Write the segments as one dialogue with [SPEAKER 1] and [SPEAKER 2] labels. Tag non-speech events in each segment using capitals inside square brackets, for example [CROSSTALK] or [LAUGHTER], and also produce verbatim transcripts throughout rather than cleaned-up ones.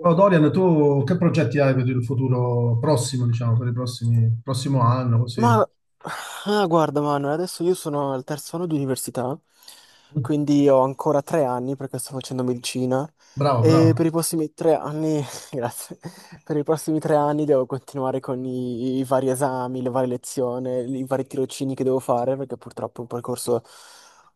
[SPEAKER 1] Oh, Dorian, tu che progetti hai per il futuro prossimo, diciamo, per il prossimi, prossimo anno, così?
[SPEAKER 2] Ma ah, guarda Manuel, adesso io sono al terzo anno di università, quindi ho ancora tre anni perché sto facendo medicina
[SPEAKER 1] Bravo, bravo.
[SPEAKER 2] e per i prossimi tre anni, [LAUGHS] grazie, per i prossimi tre anni devo continuare con i, i vari esami, le varie lezioni, i vari tirocini che devo fare perché purtroppo è un percorso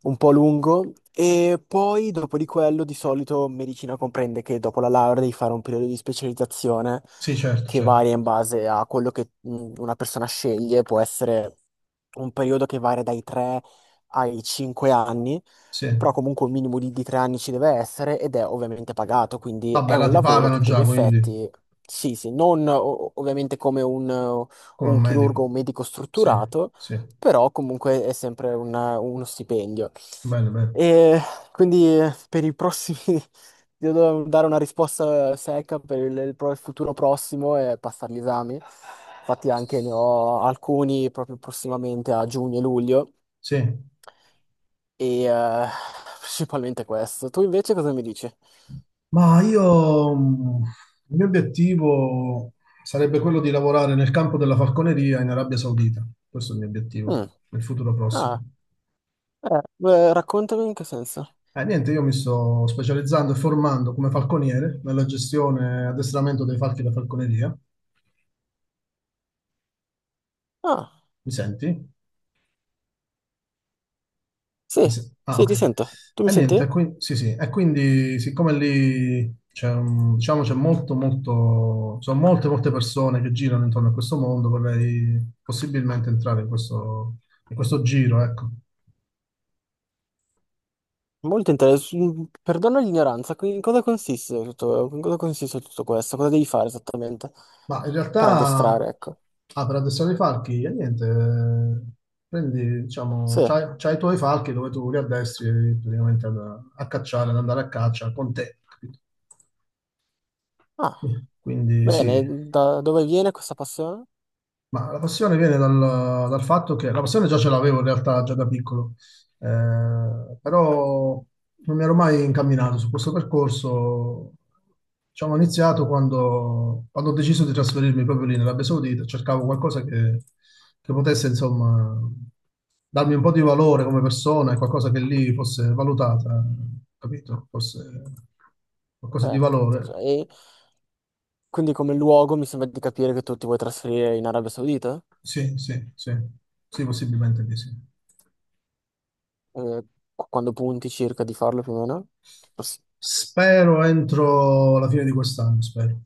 [SPEAKER 2] un po' lungo e poi dopo di quello di solito medicina comprende che dopo la laurea devi fare un periodo di specializzazione
[SPEAKER 1] Sì, certo,
[SPEAKER 2] che
[SPEAKER 1] certo.
[SPEAKER 2] varia in base a quello che mh, una persona sceglie. Può essere un periodo che varia dai tre ai cinque anni,
[SPEAKER 1] Sì.
[SPEAKER 2] però comunque un minimo di, di tre anni ci deve essere ed è ovviamente pagato, quindi è
[SPEAKER 1] Vabbè, là
[SPEAKER 2] un
[SPEAKER 1] ti
[SPEAKER 2] lavoro a
[SPEAKER 1] pagano
[SPEAKER 2] tutti gli
[SPEAKER 1] già, quindi,
[SPEAKER 2] effetti. Sì, sì, non o- ovviamente come un,
[SPEAKER 1] come un
[SPEAKER 2] un chirurgo,
[SPEAKER 1] medico.
[SPEAKER 2] un medico
[SPEAKER 1] Sì,
[SPEAKER 2] strutturato,
[SPEAKER 1] sì.
[SPEAKER 2] però comunque è sempre un- uno stipendio.
[SPEAKER 1] Bene, bene.
[SPEAKER 2] E quindi per i prossimi [LAUGHS] devo dare una risposta secca per il, il pro- il futuro prossimo e passare gli esami. Infatti anche ne ho alcuni proprio prossimamente a giugno e luglio
[SPEAKER 1] Sì.
[SPEAKER 2] e eh, principalmente questo. Tu invece cosa mi dici?
[SPEAKER 1] Ma io, mh, il mio obiettivo sarebbe quello di lavorare nel campo della falconeria in Arabia Saudita. Questo è il mio obiettivo
[SPEAKER 2] Mm,
[SPEAKER 1] nel futuro prossimo.
[SPEAKER 2] ah, eh, eh, raccontami in che senso.
[SPEAKER 1] Eh, niente, io mi sto specializzando e formando come falconiere nella gestione e addestramento dei falchi da falconeria.
[SPEAKER 2] Ah,
[SPEAKER 1] Mi senti? Mi
[SPEAKER 2] sì,
[SPEAKER 1] se- Ah,
[SPEAKER 2] sì, ti
[SPEAKER 1] ok.
[SPEAKER 2] sento. Tu mi
[SPEAKER 1] E niente, e
[SPEAKER 2] senti?
[SPEAKER 1] qui- sì, sì. E quindi, siccome lì c'è un- diciamo, c'è molto, molto, sono molte, molte persone che girano intorno a questo mondo, vorrei possibilmente entrare in questo, in questo giro, ecco.
[SPEAKER 2] Molto interessante. Perdono l'ignoranza, qui- in cosa consiste tutto, in cosa consiste tutto questo? Cosa devi fare esattamente
[SPEAKER 1] Ma in
[SPEAKER 2] per
[SPEAKER 1] realtà,
[SPEAKER 2] addestrare, ecco.
[SPEAKER 1] ah, per addestrare i falchi, eh, niente, eh, prendi, diciamo,
[SPEAKER 2] Sì.
[SPEAKER 1] c'hai, c'hai i tuoi falchi dove tu li addestri praticamente ad- a, cacciare, ad andare a caccia con te, capito?
[SPEAKER 2] Ah,
[SPEAKER 1] Quindi sì.
[SPEAKER 2] bene, da dove viene questa passione?
[SPEAKER 1] Ma la passione viene dal, dal fatto che la passione già ce l'avevo in realtà già da piccolo, eh, però non mi ero mai incamminato su questo percorso. Diciamo, ho iniziato quando, quando ho deciso di trasferirmi proprio lì nell'Arabia Saudita, cercavo qualcosa che, che potesse, insomma, darmi un po' di valore come persona e qualcosa che lì fosse valutata, capito? Fosse qualcosa di
[SPEAKER 2] Certo, cioè,
[SPEAKER 1] valore.
[SPEAKER 2] e quindi come luogo mi sembra di capire che tu ti vuoi trasferire in Arabia Saudita?
[SPEAKER 1] Sì, sì, sì, sì, possibilmente di sì.
[SPEAKER 2] Eh, qu- quando punti circa di farlo più o meno? Poss-
[SPEAKER 1] Spero entro la fine di quest'anno, spero.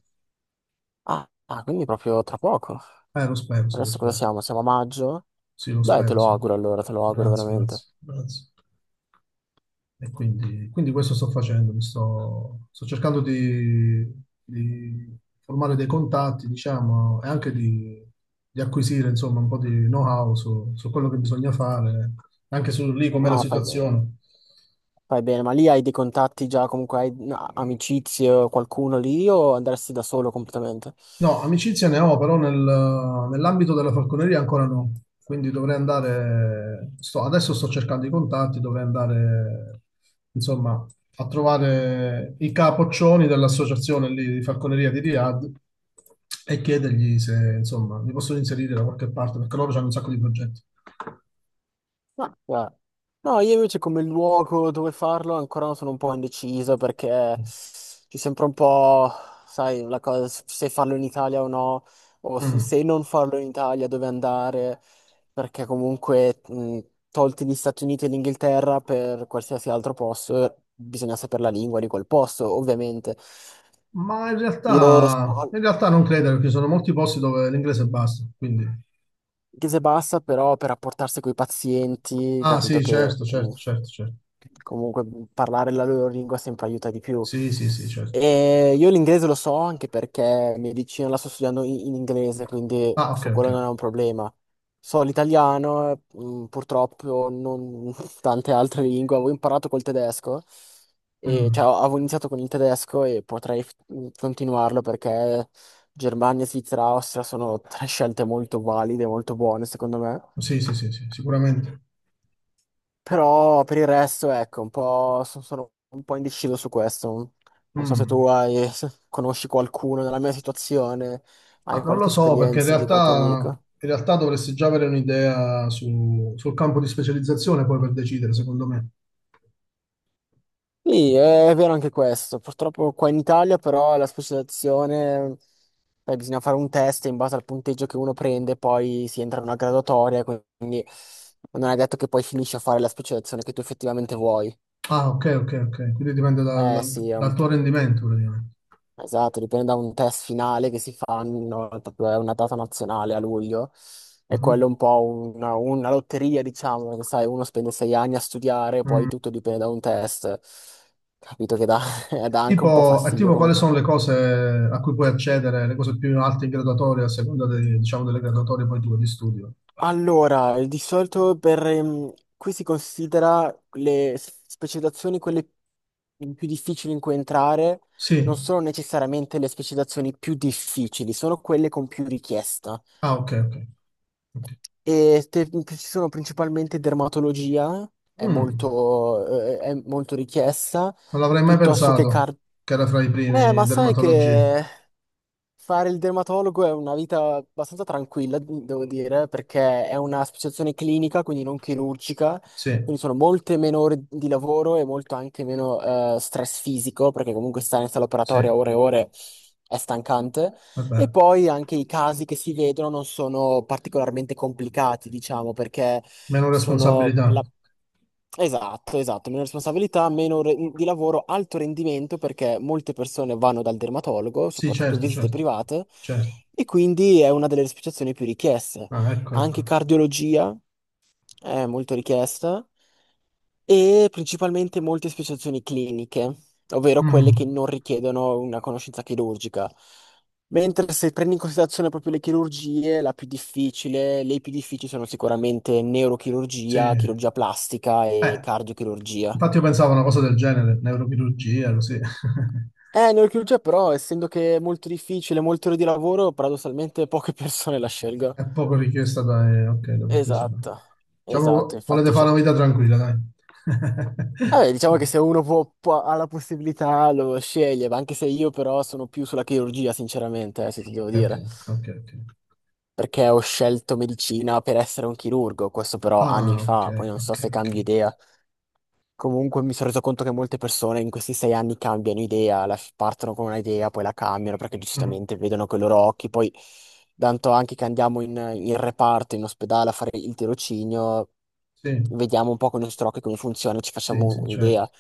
[SPEAKER 2] ah, ah, quindi proprio tra poco.
[SPEAKER 1] Eh, lo spero, sì, lo
[SPEAKER 2] Adesso cosa
[SPEAKER 1] spero.
[SPEAKER 2] siamo? Siamo a maggio?
[SPEAKER 1] Sì, lo
[SPEAKER 2] Dai, te
[SPEAKER 1] spero,
[SPEAKER 2] lo
[SPEAKER 1] sì.
[SPEAKER 2] auguro allora, te lo auguro
[SPEAKER 1] Grazie,
[SPEAKER 2] veramente.
[SPEAKER 1] grazie, grazie. E quindi, quindi questo sto facendo, mi sto, sto cercando di, di formare dei contatti, diciamo, e anche di, di acquisire, insomma, un po' di know-how su, su quello che bisogna fare, anche su lì com'è la
[SPEAKER 2] No, fai bene.
[SPEAKER 1] situazione.
[SPEAKER 2] Fai bene, ma lì hai dei contatti già, comunque hai no, amicizie o qualcuno lì o andresti da solo completamente?
[SPEAKER 1] No, amicizia ne ho, però nel- nell'ambito della falconeria ancora no. Quindi dovrei andare, sto- adesso sto cercando i contatti, dovrei andare, insomma, a trovare i capoccioni dell'associazione lì di falconeria di Riyadh e chiedergli se, insomma, mi possono inserire da qualche parte, perché loro hanno un sacco di progetti.
[SPEAKER 2] Ma guarda, no, io invece come luogo dove farlo ancora sono un po' indeciso perché ci sembra un po', sai, la cosa se farlo in Italia o no, o su-
[SPEAKER 1] Mm.
[SPEAKER 2] se non farlo in Italia dove andare, perché comunque mh, tolti gli Stati Uniti e l'Inghilterra per qualsiasi altro posto, bisogna sapere la lingua di quel posto, ovviamente.
[SPEAKER 1] Ma in
[SPEAKER 2] Io
[SPEAKER 1] realtà,
[SPEAKER 2] so
[SPEAKER 1] in realtà non credo, perché ci sono molti posti dove l'inglese basta, quindi...
[SPEAKER 2] inglese bassa, però per rapportarsi con i pazienti,
[SPEAKER 1] Ah,
[SPEAKER 2] capito
[SPEAKER 1] sì,
[SPEAKER 2] che...
[SPEAKER 1] certo, certo, certo, certo.
[SPEAKER 2] Comunque parlare la loro lingua sempre aiuta di più.
[SPEAKER 1] Sì, sì, sì, certo.
[SPEAKER 2] E io l'inglese lo so anche perché mia vicina la sto studiando in, in inglese, quindi
[SPEAKER 1] Ah, ok,
[SPEAKER 2] su
[SPEAKER 1] ok.
[SPEAKER 2] quello non è un problema. So l'italiano, mm, purtroppo non [LAUGHS] tante altre lingue. Avevo imparato col tedesco, e, cioè
[SPEAKER 1] Mm.
[SPEAKER 2] avevo iniziato con il tedesco e potrei mm, continuarlo perché Germania, Svizzera, Austria sono tre scelte molto valide, molto buone secondo me.
[SPEAKER 1] Sì, sì, sì, sì, sicuramente.
[SPEAKER 2] Però per il resto, ecco, un po', so- sono un po' indeciso su questo. Non so se
[SPEAKER 1] Mm.
[SPEAKER 2] tu hai, [LAUGHS] se conosci qualcuno nella mia situazione,
[SPEAKER 1] Ma
[SPEAKER 2] hai
[SPEAKER 1] non lo
[SPEAKER 2] qualche
[SPEAKER 1] so, perché in
[SPEAKER 2] esperienza di qualche
[SPEAKER 1] realtà,
[SPEAKER 2] amico.
[SPEAKER 1] in realtà dovresti già avere un'idea su- sul campo di specializzazione poi per decidere, secondo me.
[SPEAKER 2] Sì, è vero anche questo. Purtroppo qua in Italia però la specializzazione, eh, bisogna fare un test e in base al punteggio che uno prende, poi si entra in una graduatoria, quindi non è detto che poi finisci a fare la specializzazione che tu effettivamente vuoi.
[SPEAKER 1] Ah, ok, ok, ok. Quindi dipende dal,
[SPEAKER 2] Eh
[SPEAKER 1] dal-
[SPEAKER 2] sì,
[SPEAKER 1] dal tuo rendimento, praticamente.
[SPEAKER 2] esatto, dipende da un test finale che si fa una volta- è una data nazionale a luglio e quello
[SPEAKER 1] Mhm.
[SPEAKER 2] è un po' una, una lotteria, diciamo, perché sai, uno spende sei anni a studiare, poi
[SPEAKER 1] Mm.
[SPEAKER 2] tutto dipende da un test. Capito che dà, [LAUGHS] dà anche un po'
[SPEAKER 1] Tipo, e
[SPEAKER 2] fastidio
[SPEAKER 1] tipo, quali
[SPEAKER 2] come
[SPEAKER 1] sono
[SPEAKER 2] cosa.
[SPEAKER 1] le cose a cui puoi accedere, le cose più alte in graduatoria, a seconda dei- diciamo, delle graduatorie poi tue di studio?
[SPEAKER 2] Allora, di solito per, ehm, qui si considera le s- specializzazioni. Quelle più difficili in cui entrare non
[SPEAKER 1] Sì.
[SPEAKER 2] sono necessariamente le specializzazioni più difficili, sono quelle con più richiesta.
[SPEAKER 1] Ah, ok, ok. Ok.
[SPEAKER 2] E te- ci sono principalmente dermatologia, è
[SPEAKER 1] Mm.
[SPEAKER 2] molto, eh, è molto richiesta,
[SPEAKER 1] Non l'avrei mai
[SPEAKER 2] piuttosto che
[SPEAKER 1] pensato
[SPEAKER 2] car...
[SPEAKER 1] che era fra i
[SPEAKER 2] Eh,
[SPEAKER 1] primi
[SPEAKER 2] ma sai
[SPEAKER 1] dermatologia.
[SPEAKER 2] che fare il dermatologo è una vita abbastanza tranquilla, devo dire, perché è una specializzazione clinica, quindi non chirurgica,
[SPEAKER 1] Sì,
[SPEAKER 2] quindi sono molte meno ore di lavoro e molto anche meno eh, stress fisico, perché comunque stare in sala
[SPEAKER 1] sì,
[SPEAKER 2] operatoria ore e ore è stancante. E
[SPEAKER 1] vabbè,
[SPEAKER 2] poi anche i casi che si vedono non sono particolarmente complicati, diciamo, perché
[SPEAKER 1] meno
[SPEAKER 2] sono la...
[SPEAKER 1] responsabilità.
[SPEAKER 2] Esatto, esatto, meno responsabilità, meno re- mhmm, di lavoro, alto rendimento perché molte persone vanno dal dermatologo,
[SPEAKER 1] Sì,
[SPEAKER 2] soprattutto
[SPEAKER 1] certo,
[SPEAKER 2] visite
[SPEAKER 1] certo,
[SPEAKER 2] private,
[SPEAKER 1] certo.
[SPEAKER 2] e quindi è una delle specializzazioni più richieste.
[SPEAKER 1] Ah, ecco,
[SPEAKER 2] Anche
[SPEAKER 1] ecco.
[SPEAKER 2] cardiologia è molto richiesta e principalmente molte speciazioni cliniche, ovvero quelle che
[SPEAKER 1] Mm,
[SPEAKER 2] non richiedono una conoscenza chirurgica. Mentre se prendi in considerazione proprio le chirurgie, la più difficile, le più difficili sono sicuramente
[SPEAKER 1] sì.
[SPEAKER 2] neurochirurgia, chirurgia plastica e
[SPEAKER 1] Eh,
[SPEAKER 2] cardiochirurgia.
[SPEAKER 1] infatti io pensavo a una cosa del genere, neurochirurgia, così. [LAUGHS]
[SPEAKER 2] Eh, neurochirurgia però, essendo che è molto difficile, molte ore di lavoro, paradossalmente poche [LAUGHS] persone la scelgono.
[SPEAKER 1] È poco richiesta da, eh, ok, da partecipare.
[SPEAKER 2] Esatto, esatto,
[SPEAKER 1] Diciamo, volete
[SPEAKER 2] infatti
[SPEAKER 1] fare una vita tranquilla, dai.
[SPEAKER 2] vabbè, diciamo che
[SPEAKER 1] [LAUGHS]
[SPEAKER 2] se uno può, può- ha la possibilità lo sceglie, ma anche se io però sono più sulla chirurgia, sinceramente, eh, se ti devo
[SPEAKER 1] Ok,
[SPEAKER 2] dire,
[SPEAKER 1] ok, ok.
[SPEAKER 2] perché ho scelto medicina per essere un chirurgo, questo però anni
[SPEAKER 1] Ah, ok,
[SPEAKER 2] fa, poi non so
[SPEAKER 1] ok,
[SPEAKER 2] se
[SPEAKER 1] ok.
[SPEAKER 2] cambi idea. Comunque mi sono reso conto che molte persone in questi sei anni cambiano idea, la- partono con un'idea, poi la cambiano perché
[SPEAKER 1] Mm,
[SPEAKER 2] giustamente vedono con i loro occhi, poi tanto anche che andiamo in, in reparto, in ospedale a fare il tirocinio,
[SPEAKER 1] sì,
[SPEAKER 2] vediamo un po' con i nostri occhi come funziona, ci
[SPEAKER 1] sì,
[SPEAKER 2] facciamo
[SPEAKER 1] sì,
[SPEAKER 2] un'idea.
[SPEAKER 1] certo.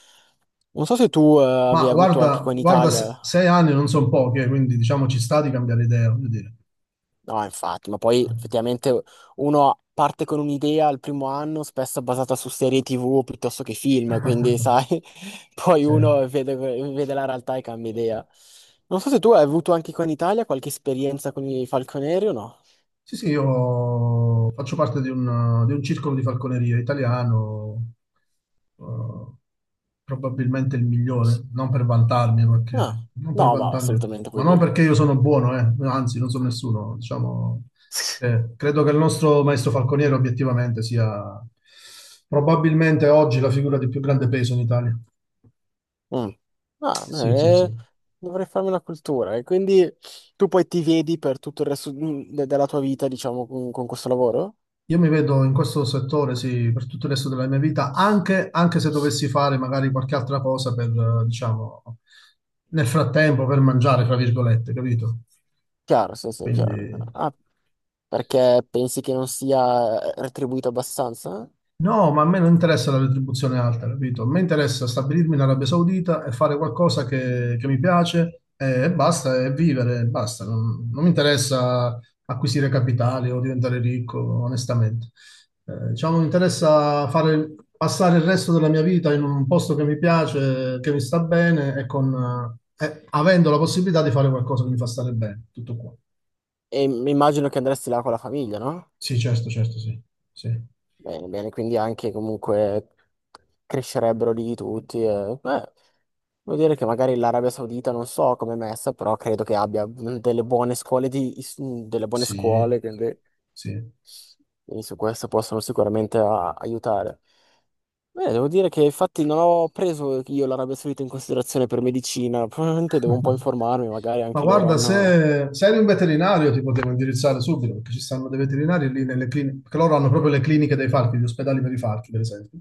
[SPEAKER 2] Non so se tu eh, avevi
[SPEAKER 1] Ma
[SPEAKER 2] avuto anche
[SPEAKER 1] guarda,
[SPEAKER 2] qua in
[SPEAKER 1] guarda,
[SPEAKER 2] Italia,
[SPEAKER 1] se- sei anni non sono poche, quindi diciamo ci sta di cambiare idea, voglio dire.
[SPEAKER 2] no, infatti, ma poi effettivamente uno parte con un'idea al primo anno, spesso basata su serie T V piuttosto che film, quindi
[SPEAKER 1] [LAUGHS]
[SPEAKER 2] sai, [LAUGHS] poi
[SPEAKER 1] Sì,
[SPEAKER 2] uno vede, vede la realtà e cambia idea. Non so se tu hai avuto anche qua in Italia qualche esperienza con i falconieri o no?
[SPEAKER 1] sì, sì, io faccio parte di un, di un circolo di falconeria italiano, eh, probabilmente il migliore, non per vantarmi,
[SPEAKER 2] Ah,
[SPEAKER 1] perché, non per
[SPEAKER 2] no, ma
[SPEAKER 1] vantarmi,
[SPEAKER 2] assolutamente
[SPEAKER 1] ma
[SPEAKER 2] puoi
[SPEAKER 1] non
[SPEAKER 2] dirlo.
[SPEAKER 1] perché io sono buono, eh, anzi non sono nessuno, diciamo che credo che il nostro maestro falconiere obiettivamente sia probabilmente oggi la figura di più grande peso in Italia.
[SPEAKER 2] Mm. Ah,
[SPEAKER 1] Sì, sì, sì.
[SPEAKER 2] eh, dovrei farmi una cultura e quindi tu poi ti vedi per tutto il resto mm, de- della tua vita, diciamo, con con questo lavoro?
[SPEAKER 1] Io mi vedo in questo settore, sì, per tutto il resto della mia vita, anche, anche se dovessi fare magari qualche altra cosa per, eh, diciamo, nel frattempo per mangiare, fra virgolette, capito?
[SPEAKER 2] Chiaro, sì, sì, chiaro.
[SPEAKER 1] Quindi.
[SPEAKER 2] Ah, perché pensi che non sia eh, retribuito abbastanza?
[SPEAKER 1] No, ma a me non interessa la retribuzione alta, capito? A me interessa stabilirmi in Arabia Saudita e fare qualcosa che, che mi piace e, e basta, e vivere e basta. Non, non mi interessa acquisire capitali o diventare ricco, onestamente. Eh, diciamo, mi interessa fare, passare il resto della mia vita in un posto che mi piace, che mi sta bene e con, eh, avendo la possibilità di fare qualcosa che mi fa stare bene. Tutto qua.
[SPEAKER 2] E m- immagino che andresti là con la famiglia, no?
[SPEAKER 1] Sì, certo, certo, sì. Sì,
[SPEAKER 2] Bene, bene, quindi anche comunque crescerebbero lì tutti. E, beh, vuol dire che magari l'Arabia Saudita non so come è messa, però credo che abbia mm, delle buone scuole di, is- mm, delle buone
[SPEAKER 1] sì,
[SPEAKER 2] scuole, quindi,
[SPEAKER 1] sì.
[SPEAKER 2] quindi su questo possono sicuramente a- aiutare. Beh, devo dire che infatti non ho preso io l'Arabia Saudita in considerazione per medicina, probabilmente devo un po' informarmi, magari
[SPEAKER 1] Ma
[SPEAKER 2] anche loro
[SPEAKER 1] guarda,
[SPEAKER 2] hanno...
[SPEAKER 1] se, se eri un veterinario ti potevo indirizzare subito, perché ci stanno dei veterinari lì nelle cliniche, perché loro hanno proprio le cliniche dei falchi, gli ospedali per i falchi, per esempio.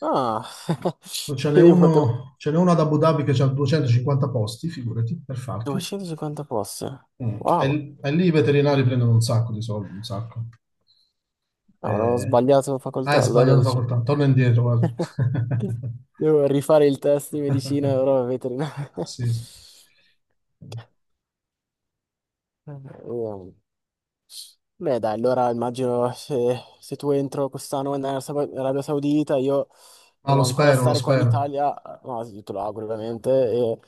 [SPEAKER 2] Ah, [LAUGHS]
[SPEAKER 1] Non ce n'è
[SPEAKER 2] quindi potevo...
[SPEAKER 1] uno, ce n'è uno ad Abu Dhabi che ha duecentocinquanta posti, figurati, per falchi.
[SPEAKER 2] duecentocinquanta posti.
[SPEAKER 1] Mm. E,
[SPEAKER 2] Wow,
[SPEAKER 1] l- e lì i veterinari prendono un sacco di soldi, un sacco.
[SPEAKER 2] avrò
[SPEAKER 1] Eh,
[SPEAKER 2] sbagliato
[SPEAKER 1] ah, hai
[SPEAKER 2] facoltà, allora
[SPEAKER 1] sbagliato
[SPEAKER 2] dice...
[SPEAKER 1] facoltà, torna indietro, guarda.
[SPEAKER 2] [LAUGHS] devo rifare il test di medicina, però
[SPEAKER 1] [LAUGHS]
[SPEAKER 2] veterinaria. [LAUGHS]
[SPEAKER 1] Sì, sì.
[SPEAKER 2] Eh, beh, dai, allora immagino se, se tu entro quest'anno in Arabia Sau- Arabia Saudita, io
[SPEAKER 1] Ma lo
[SPEAKER 2] devo ancora
[SPEAKER 1] spero, lo
[SPEAKER 2] stare qua in
[SPEAKER 1] spero.
[SPEAKER 2] Italia, no, sì, te lo auguro ovviamente, e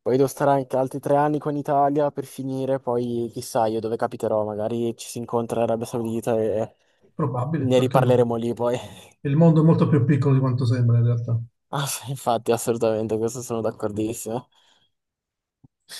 [SPEAKER 2] poi devo stare anche altri tre anni qua in Italia per finire, poi chissà io dove capiterò, magari ci si incontra in Arabia Saudita e
[SPEAKER 1] Probabile,
[SPEAKER 2] ne
[SPEAKER 1] perché no?
[SPEAKER 2] riparleremo lì poi. [LAUGHS]
[SPEAKER 1] Il mondo è molto più piccolo di quanto sembra in realtà.
[SPEAKER 2] Ah, sì, infatti, assolutamente, questo sono d'accordissimo.